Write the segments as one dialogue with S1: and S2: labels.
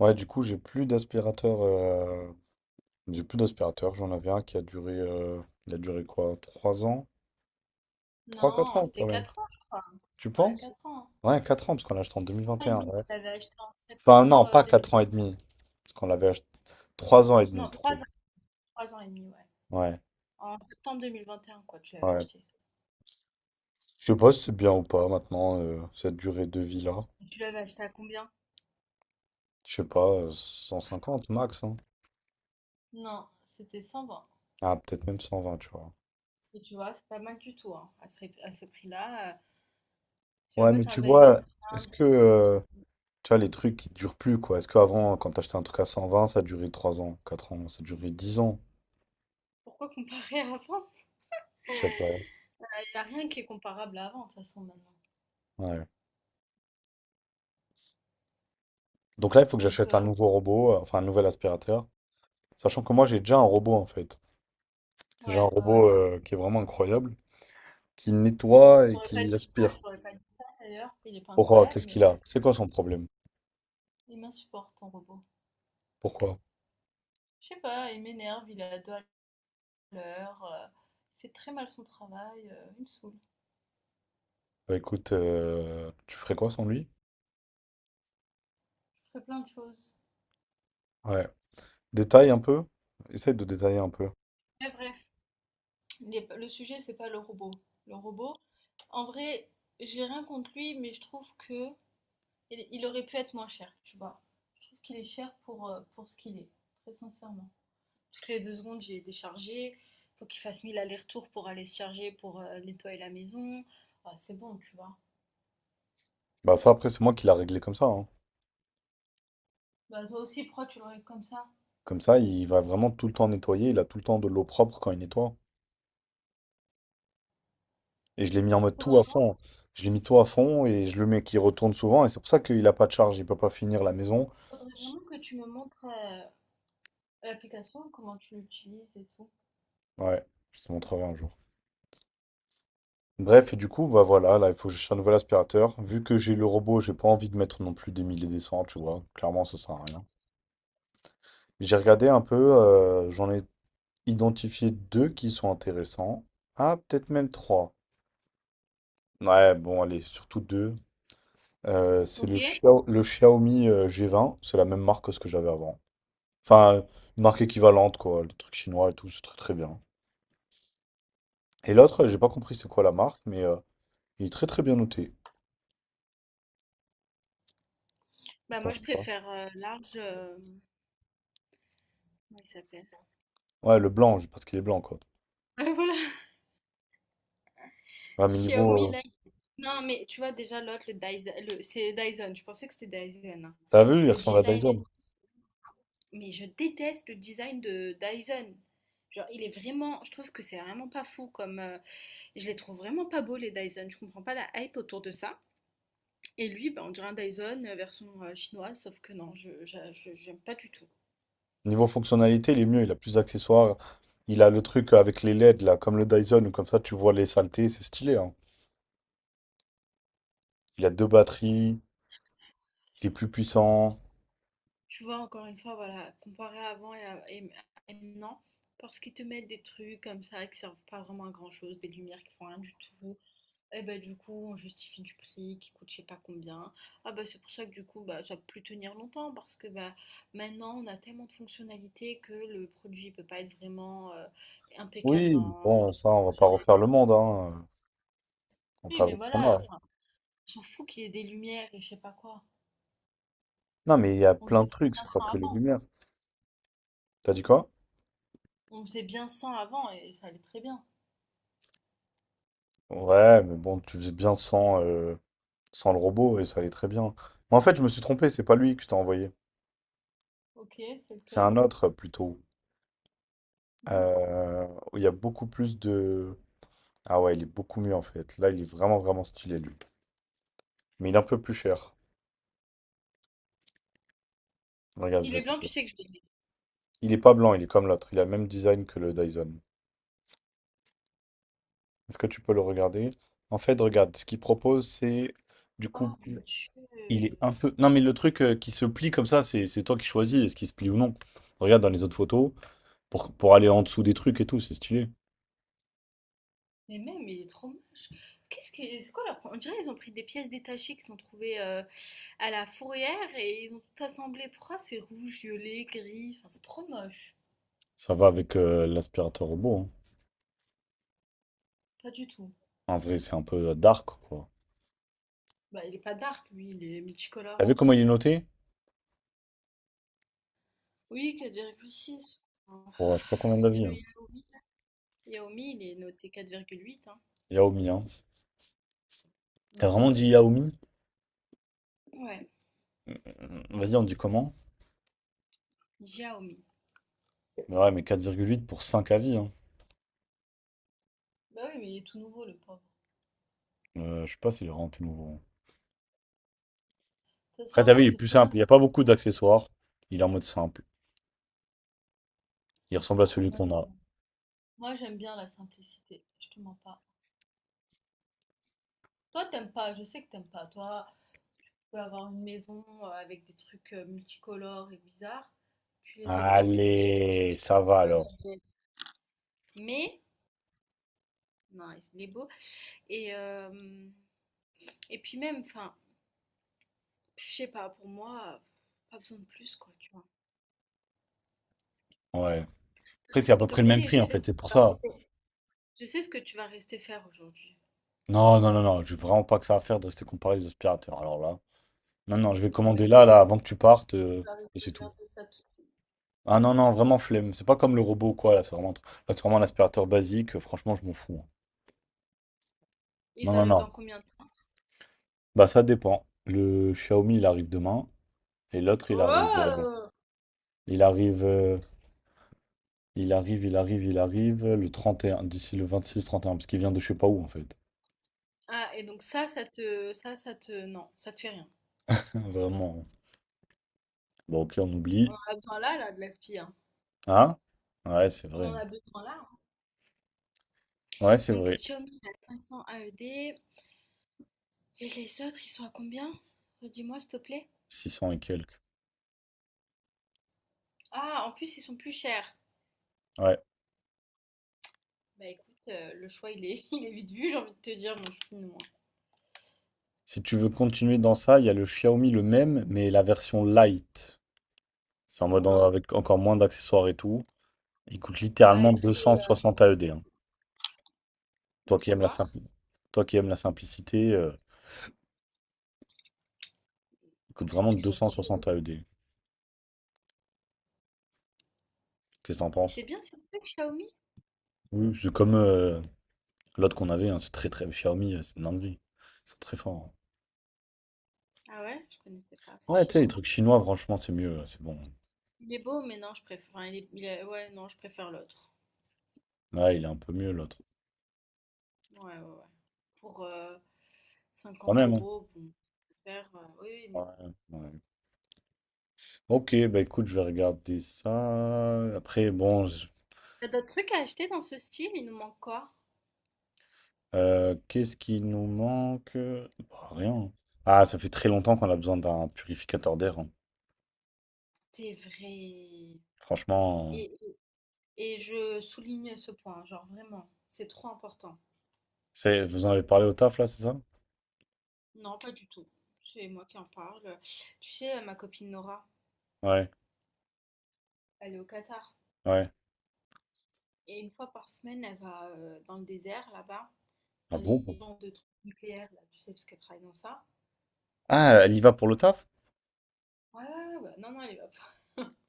S1: Ouais, du coup, j'ai plus d'aspirateur. J'ai plus d'aspirateur. J'en avais un qui a duré. Il a duré quoi? 3 ans? Trois quatre
S2: Non,
S1: ans
S2: c'était
S1: quand même.
S2: 4 ans, je crois.
S1: Tu
S2: Ouais,
S1: penses?
S2: 4 ans.
S1: Ouais, 4 ans, parce qu'on l'a acheté en
S2: 3 ans et
S1: 2021.
S2: demi que
S1: Ouais.
S2: tu avais acheté en
S1: Enfin,
S2: septembre
S1: non, pas 4 ans et
S2: 2021.
S1: demi. Parce qu'on l'avait acheté. 3 ans et demi
S2: Non,
S1: plutôt.
S2: 3 ans et demi, ouais.
S1: Ouais,
S2: En septembre 2021, quoi, tu l'avais
S1: ouais.
S2: acheté.
S1: Je sais pas si c'est bien ou pas maintenant, cette durée de vie-là.
S2: Et tu l'avais acheté à combien?
S1: Je sais pas, 150 max, hein.
S2: Non, c'était 120.
S1: Ah, peut-être même 120, tu vois.
S2: Et tu vois, c'est pas mal du tout, hein, à à ce prix-là. Tu
S1: Ouais,
S2: vois,
S1: mais
S2: c'est
S1: tu vois,
S2: Un
S1: est-ce
S2: Dyson,
S1: que.
S2: ça tient plus.
S1: Tu vois, les trucs qui durent plus, quoi. Est-ce qu'avant, quand t'achetais un truc à 120, ça durait 3 ans, 4 ans, ça durait 10 ans?
S2: Pourquoi comparer à avant?
S1: Je sais pas.
S2: Il n'y a rien qui est comparable à avant, de toute façon, maintenant.
S1: Ouais. Donc là, il faut que
S2: Donc,
S1: j'achète un nouveau robot, enfin un nouvel aspirateur. Sachant que moi, j'ai déjà un robot, en fait. J'ai un
S2: ouais, ouais, ouais.
S1: robot qui est vraiment incroyable, qui nettoie et
S2: J'aurais pas
S1: qui
S2: dit ça,
S1: aspire.
S2: j'aurais pas dit ça, d'ailleurs. Il est pas
S1: Pourquoi?
S2: incroyable,
S1: Qu'est-ce
S2: mais
S1: qu'il
S2: ouais.
S1: a? C'est quoi son problème?
S2: Il m'insupporte, ton robot.
S1: Pourquoi?
S2: Je sais pas, il m'énerve, il est à deux à l'heure, il fait très mal son travail, il me saoule.
S1: Bah écoute, tu ferais quoi sans lui?
S2: Je ferais plein de choses.
S1: Ouais. Détaille un peu. Essaye de détailler un peu.
S2: Mais bref, le sujet, c'est pas le robot. Le robot, en vrai, j'ai rien contre lui, mais je trouve que il aurait pu être moins cher, tu vois. Je trouve qu'il est cher pour ce qu'il est, très sincèrement. Toutes les 2 secondes, j'ai déchargé. Faut qu'il fasse mille allers-retours pour aller se charger, pour nettoyer la maison. Bah, c'est bon, tu vois.
S1: Bah ça, après, c'est moi qui l'a réglé comme ça, hein.
S2: Bah, toi aussi, pourquoi tu l'aurais comme ça?
S1: Comme ça, il va vraiment tout le temps nettoyer, il a tout le temps de l'eau propre quand il nettoie. Et je l'ai mis en mode tout à
S2: Faudrait,
S1: fond. Je l'ai mis tout à fond et je le mets qui retourne souvent. Et c'est pour ça qu'il a pas de charge, il peut pas finir la maison.
S2: faudrait vraiment que tu me montres l'application, comment tu l'utilises et tout.
S1: Ouais, je te montrerai un jour. Bref, et du coup, bah voilà, là, il faut que j'achète un nouvel aspirateur. Vu que j'ai le robot, j'ai pas envie de mettre non plus des mille et des cents, tu vois. Clairement, ça sert à rien. J'ai regardé un peu, j'en ai identifié deux qui sont intéressants. Ah, peut-être même trois. Ouais, bon, allez, surtout deux. C'est
S2: Ok.
S1: le Xiaomi G20, c'est la même marque que ce que j'avais avant. Enfin, une marque équivalente, quoi, les trucs chinois et tout, c'est très très bien. Et l'autre, j'ai pas compris c'est quoi la marque, mais il est très très bien noté.
S2: Bah moi
S1: Donc,
S2: je
S1: voilà.
S2: préfère large. Comment il s'appelle?
S1: Ouais, le blanc, parce qu'il est blanc, quoi.
S2: Voilà.
S1: Ouais, mais
S2: Xiaomi
S1: niveau,
S2: là. Non mais tu vois déjà l'autre le Dyson, c'est Dyson. Je pensais que c'était Dyson, hein.
S1: t'as vu, il
S2: Le
S1: ressemble à
S2: design et
S1: Dyson.
S2: tout. Mais je déteste le design de Dyson. Genre il est vraiment, je trouve que c'est vraiment pas fou comme. Je les trouve vraiment pas beaux les Dyson. Je comprends pas la hype autour de ça. Et lui, bah, on dirait un Dyson version chinoise, sauf que non, j'aime pas du tout.
S1: Niveau fonctionnalité, il est mieux, il a plus d'accessoires. Il a le truc avec les LED, là, comme le Dyson, ou comme ça, tu vois les saletés, c'est stylé, hein. Il a deux batteries, il est plus puissant.
S2: Tu vois, encore une fois, voilà, comparé à avant et maintenant, parce qu'ils te mettent des trucs comme ça qui servent pas vraiment à grand-chose, des lumières qui font rien du tout, et ben du coup, on justifie du prix qui coûte je sais pas combien. Ah bah c'est pour ça que du coup, bah ça peut plus tenir longtemps parce que bah maintenant, on a tellement de fonctionnalités que le produit peut pas être vraiment impeccable
S1: Oui,
S2: dans
S1: bon, ça,
S2: sa
S1: on va pas refaire
S2: fonctionnalité.
S1: le monde, hein. On
S2: Oui,
S1: fait
S2: mais
S1: avec ce qu'on
S2: voilà,
S1: a.
S2: enfin, on s'en fout qu'il y ait des lumières et je sais pas quoi.
S1: Non, mais il y a
S2: On
S1: plein
S2: faisait
S1: de
S2: très
S1: trucs,
S2: bien
S1: c'est pas
S2: sans
S1: que les
S2: avant.
S1: lumières. T'as dit quoi?
S2: On faisait bien sans avant et ça allait très bien.
S1: Ouais, mais bon, tu faisais bien sans le robot et ça allait très bien. Mais en fait, je me suis trompé, c'est pas lui que je t'ai envoyé.
S2: Ok, c'est
S1: C'est
S2: lequel?
S1: un autre, plutôt.
S2: Montre.
S1: Euh, il y a beaucoup plus de... Ah ouais, il est beaucoup mieux en fait. Là, il est vraiment, vraiment stylé, lui. Mais il est un peu plus cher. Regarde, je
S2: S'il
S1: vais
S2: est
S1: te
S2: blanc,
S1: dire.
S2: tu sais que je l'aime.
S1: Il est pas blanc, il est comme l'autre. Il a le même design que le Dyson. Est-ce que tu peux le regarder? En fait, regarde, ce qu'il propose, c'est... Du coup,
S2: Ah mon
S1: il est
S2: Dieu.
S1: un peu... Non, mais le truc qui se plie comme ça, c'est toi qui choisis, est-ce qu'il se plie ou non. Regarde dans les autres photos. Pour aller en dessous des trucs et tout, c'est stylé.
S2: Mais même, il est trop moche. Qu'est-ce que c'est quoi leur... On dirait qu'ils ont pris des pièces détachées qui sont trouvées à la fourrière et ils ont tout assemblé. Pourquoi c'est rouge, violet, gris? Enfin, c'est trop moche.
S1: Ça va avec l'aspirateur robot,
S2: Pas du tout.
S1: hein. En vrai, c'est un peu dark, quoi.
S2: Bah, il est pas dark, lui, il est
S1: T'as
S2: multicolore.
S1: vu comment il est noté?
S2: Oui, 4,6.
S1: Pour je sais pas combien
S2: Et
S1: d'avis,
S2: le
S1: hein.
S2: Yaomi? Yaomi, il est noté 4,8, hein.
S1: Yaomi, hein.
S2: Mm.
S1: T'as vraiment dit Yaomi?
S2: Ouais,
S1: Vas-y, on dit comment?
S2: Xiaomi.
S1: Mais ouais, mais 4,8 pour 5 avis, hein.
S2: Bah oui, mais il est tout nouveau, le pauvre.
S1: Je sais pas s'il est rentré nouveau.
S2: De toute
S1: Après,
S2: façon,
S1: t'as vu,
S2: je
S1: il est
S2: sais
S1: plus
S2: très bien
S1: simple.
S2: ce
S1: Il n'y
S2: que
S1: a pas beaucoup d'accessoires. Il est en mode simple. Il
S2: c'est
S1: ressemble à
S2: ça.
S1: celui qu'on a.
S2: Moi, j'aime bien la simplicité, je te mens pas. Toi, t'aimes pas, je sais que t'aimes pas. Toi, si tu peux avoir une maison avec des trucs multicolores et bizarres, tu les aurais, tu vois.
S1: Allez, ça va
S2: Euh,
S1: alors.
S2: Mais, non, il est beau. Et, euh, et puis même, enfin, je sais pas, pour moi, pas besoin de plus, quoi, tu vois.
S1: Ouais.
S2: De
S1: Après,
S2: toute façon,
S1: c'est à
S2: je
S1: peu
S2: te
S1: près le même
S2: connais,
S1: prix en fait, c'est pour ça.
S2: je sais ce que tu vas rester faire aujourd'hui.
S1: Non, non, non, non, j'ai vraiment pas que ça à faire de rester comparé aux aspirateurs. Alors là, non, non, je vais
S2: Tu vas
S1: commander
S2: mettre des
S1: là, là, avant que tu partes,
S2: Tu vas
S1: et c'est tout.
S2: regarder ça tout de suite.
S1: Ah non, non, vraiment flemme. C'est pas comme le robot ou quoi, là, c'est vraiment un aspirateur basique. Franchement, je m'en fous, hein. Non,
S2: Ils
S1: non,
S2: arrivent
S1: non.
S2: dans combien de temps?
S1: Bah ça dépend. Le Xiaomi il arrive demain et l'autre
S2: Oh!
S1: il arrive euh, il arrive le 31 d'ici le 26 31 parce qu'il vient de je sais pas où en fait.
S2: Ah, et donc non, ça te fait rien.
S1: Vraiment. Bon OK, on
S2: On
S1: oublie.
S2: en a besoin là, là, de la hein.
S1: Hein? Ouais, c'est
S2: On
S1: vrai.
S2: en a besoin là, hein.
S1: Ouais, c'est
S2: Donc
S1: vrai.
S2: Xiaomi à 500 AED. Et les autres, ils sont à combien? Redis-moi, s'il te plaît.
S1: Six cents et quelques.
S2: Ah, en plus, ils sont plus chers.
S1: Ouais.
S2: Bah écoute, le choix, il est, il est vite vu, j'ai envie de te dire. Bon, je suis une moi.
S1: Si tu veux continuer dans ça, il y a le Xiaomi le même mais la version light. C'est en mode
S2: Montre.
S1: avec encore moins d'accessoires et tout. Il coûte
S2: À
S1: littéralement
S2: être
S1: 260 AED, hein. Toi qui aimes la
S2: entrevoir.
S1: simpli- Toi qui aimes la simplicité, il coûte
S2: Après, il
S1: vraiment
S2: faut qu'il soit stylé.
S1: 260 AED. Qu'est-ce que t'en
S2: Et
S1: penses?
S2: c'est bien, c'est que Xiaomi.
S1: Oui, c'est comme l'autre qu'on avait, hein, c'est très très. Xiaomi, c'est une dinguerie. Ils sont très forts.
S2: Ah ouais, je connaissais pas.
S1: Hein.
S2: C'est
S1: Ouais, tu sais, les
S2: chinois.
S1: trucs chinois, franchement, c'est mieux, c'est bon.
S2: Il est beau, mais non, je préfère, enfin, ouais, non, je préfère l'autre.
S1: Ouais, il est un peu mieux l'autre.
S2: Ouais, ouais, ouais. Pour,
S1: Quand
S2: 50
S1: même, hein.
S2: euros, bon, ça peut faire, oui, oui, mais
S1: Ouais,
S2: bon.
S1: ouais. Ok, bah écoute, je vais regarder ça. Après, bon,
S2: T'as d'autres trucs à acheter dans ce style? Il nous manque quoi?
S1: qu'est-ce qui nous manque? Bah, rien, hein. Ah, ça fait très longtemps qu'on a besoin d'un purificateur d'air, hein.
S2: C'est vrai.
S1: Franchement,
S2: Et, et je souligne ce point, genre vraiment, c'est trop important.
S1: c'est... Vous en avez parlé au taf là, c'est ça?
S2: Non, pas du tout. C'est moi qui en parle. Tu sais, ma copine Nora,
S1: Ouais,
S2: elle est au Qatar.
S1: ouais.
S2: Et 1 fois par semaine, elle va dans le désert, là-bas,
S1: Ah
S2: dans
S1: bon?
S2: les gens de trucs nucléaires, là, tu sais, parce qu'elle travaille dans ça.
S1: Ah, elle y va pour le taf?
S2: Ouais, ouais, ouais, ouais. Non, non, elle y va pour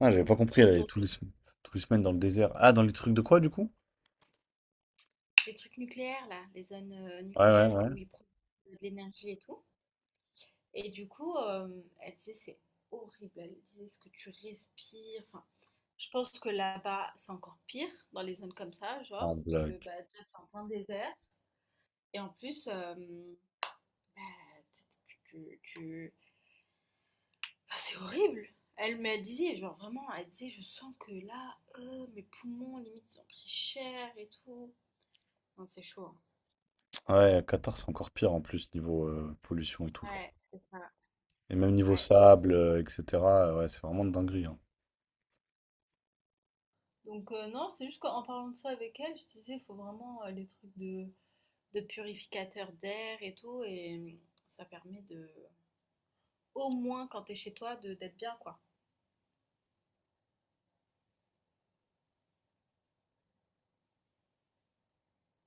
S1: Ah, j'avais pas compris,
S2: pour
S1: elle
S2: le
S1: allait
S2: tour.
S1: tous les semaines dans le désert. Ah, dans les trucs de quoi, du coup?
S2: Les trucs nucléaires, là, les zones
S1: Ouais, ouais,
S2: nucléaires
S1: ouais.
S2: où ils produisent de l'énergie et tout. Et du coup, elle disait c'est horrible. Elle disait ce que tu respires. Enfin, je pense que là-bas, c'est encore pire dans les zones comme ça,
S1: En
S2: genre, parce que
S1: blague.
S2: bah, déjà, c'est en plein désert. Et en plus, bah, tu, tu- tu- enfin, c'est horrible. Elle me disait, genre vraiment, elle disait, je sens que là, mes poumons, limite, ils ont pris cher et tout. Non, c'est chaud, hein.
S1: Ouais, à Qatar, c'est encore pire en plus, niveau pollution et tout, je crois.
S2: Ouais, c'est ça.
S1: Et même niveau
S2: Ouais, c'est
S1: sable,
S2: ça.
S1: etc. Ouais, c'est vraiment de dinguerie, hein.
S2: Donc, non, c'est juste qu'en parlant de ça avec elle, je disais, il faut vraiment les trucs de purificateur d'air et tout. Et ça permet de, au moins quand t'es chez toi, de d'être bien, quoi.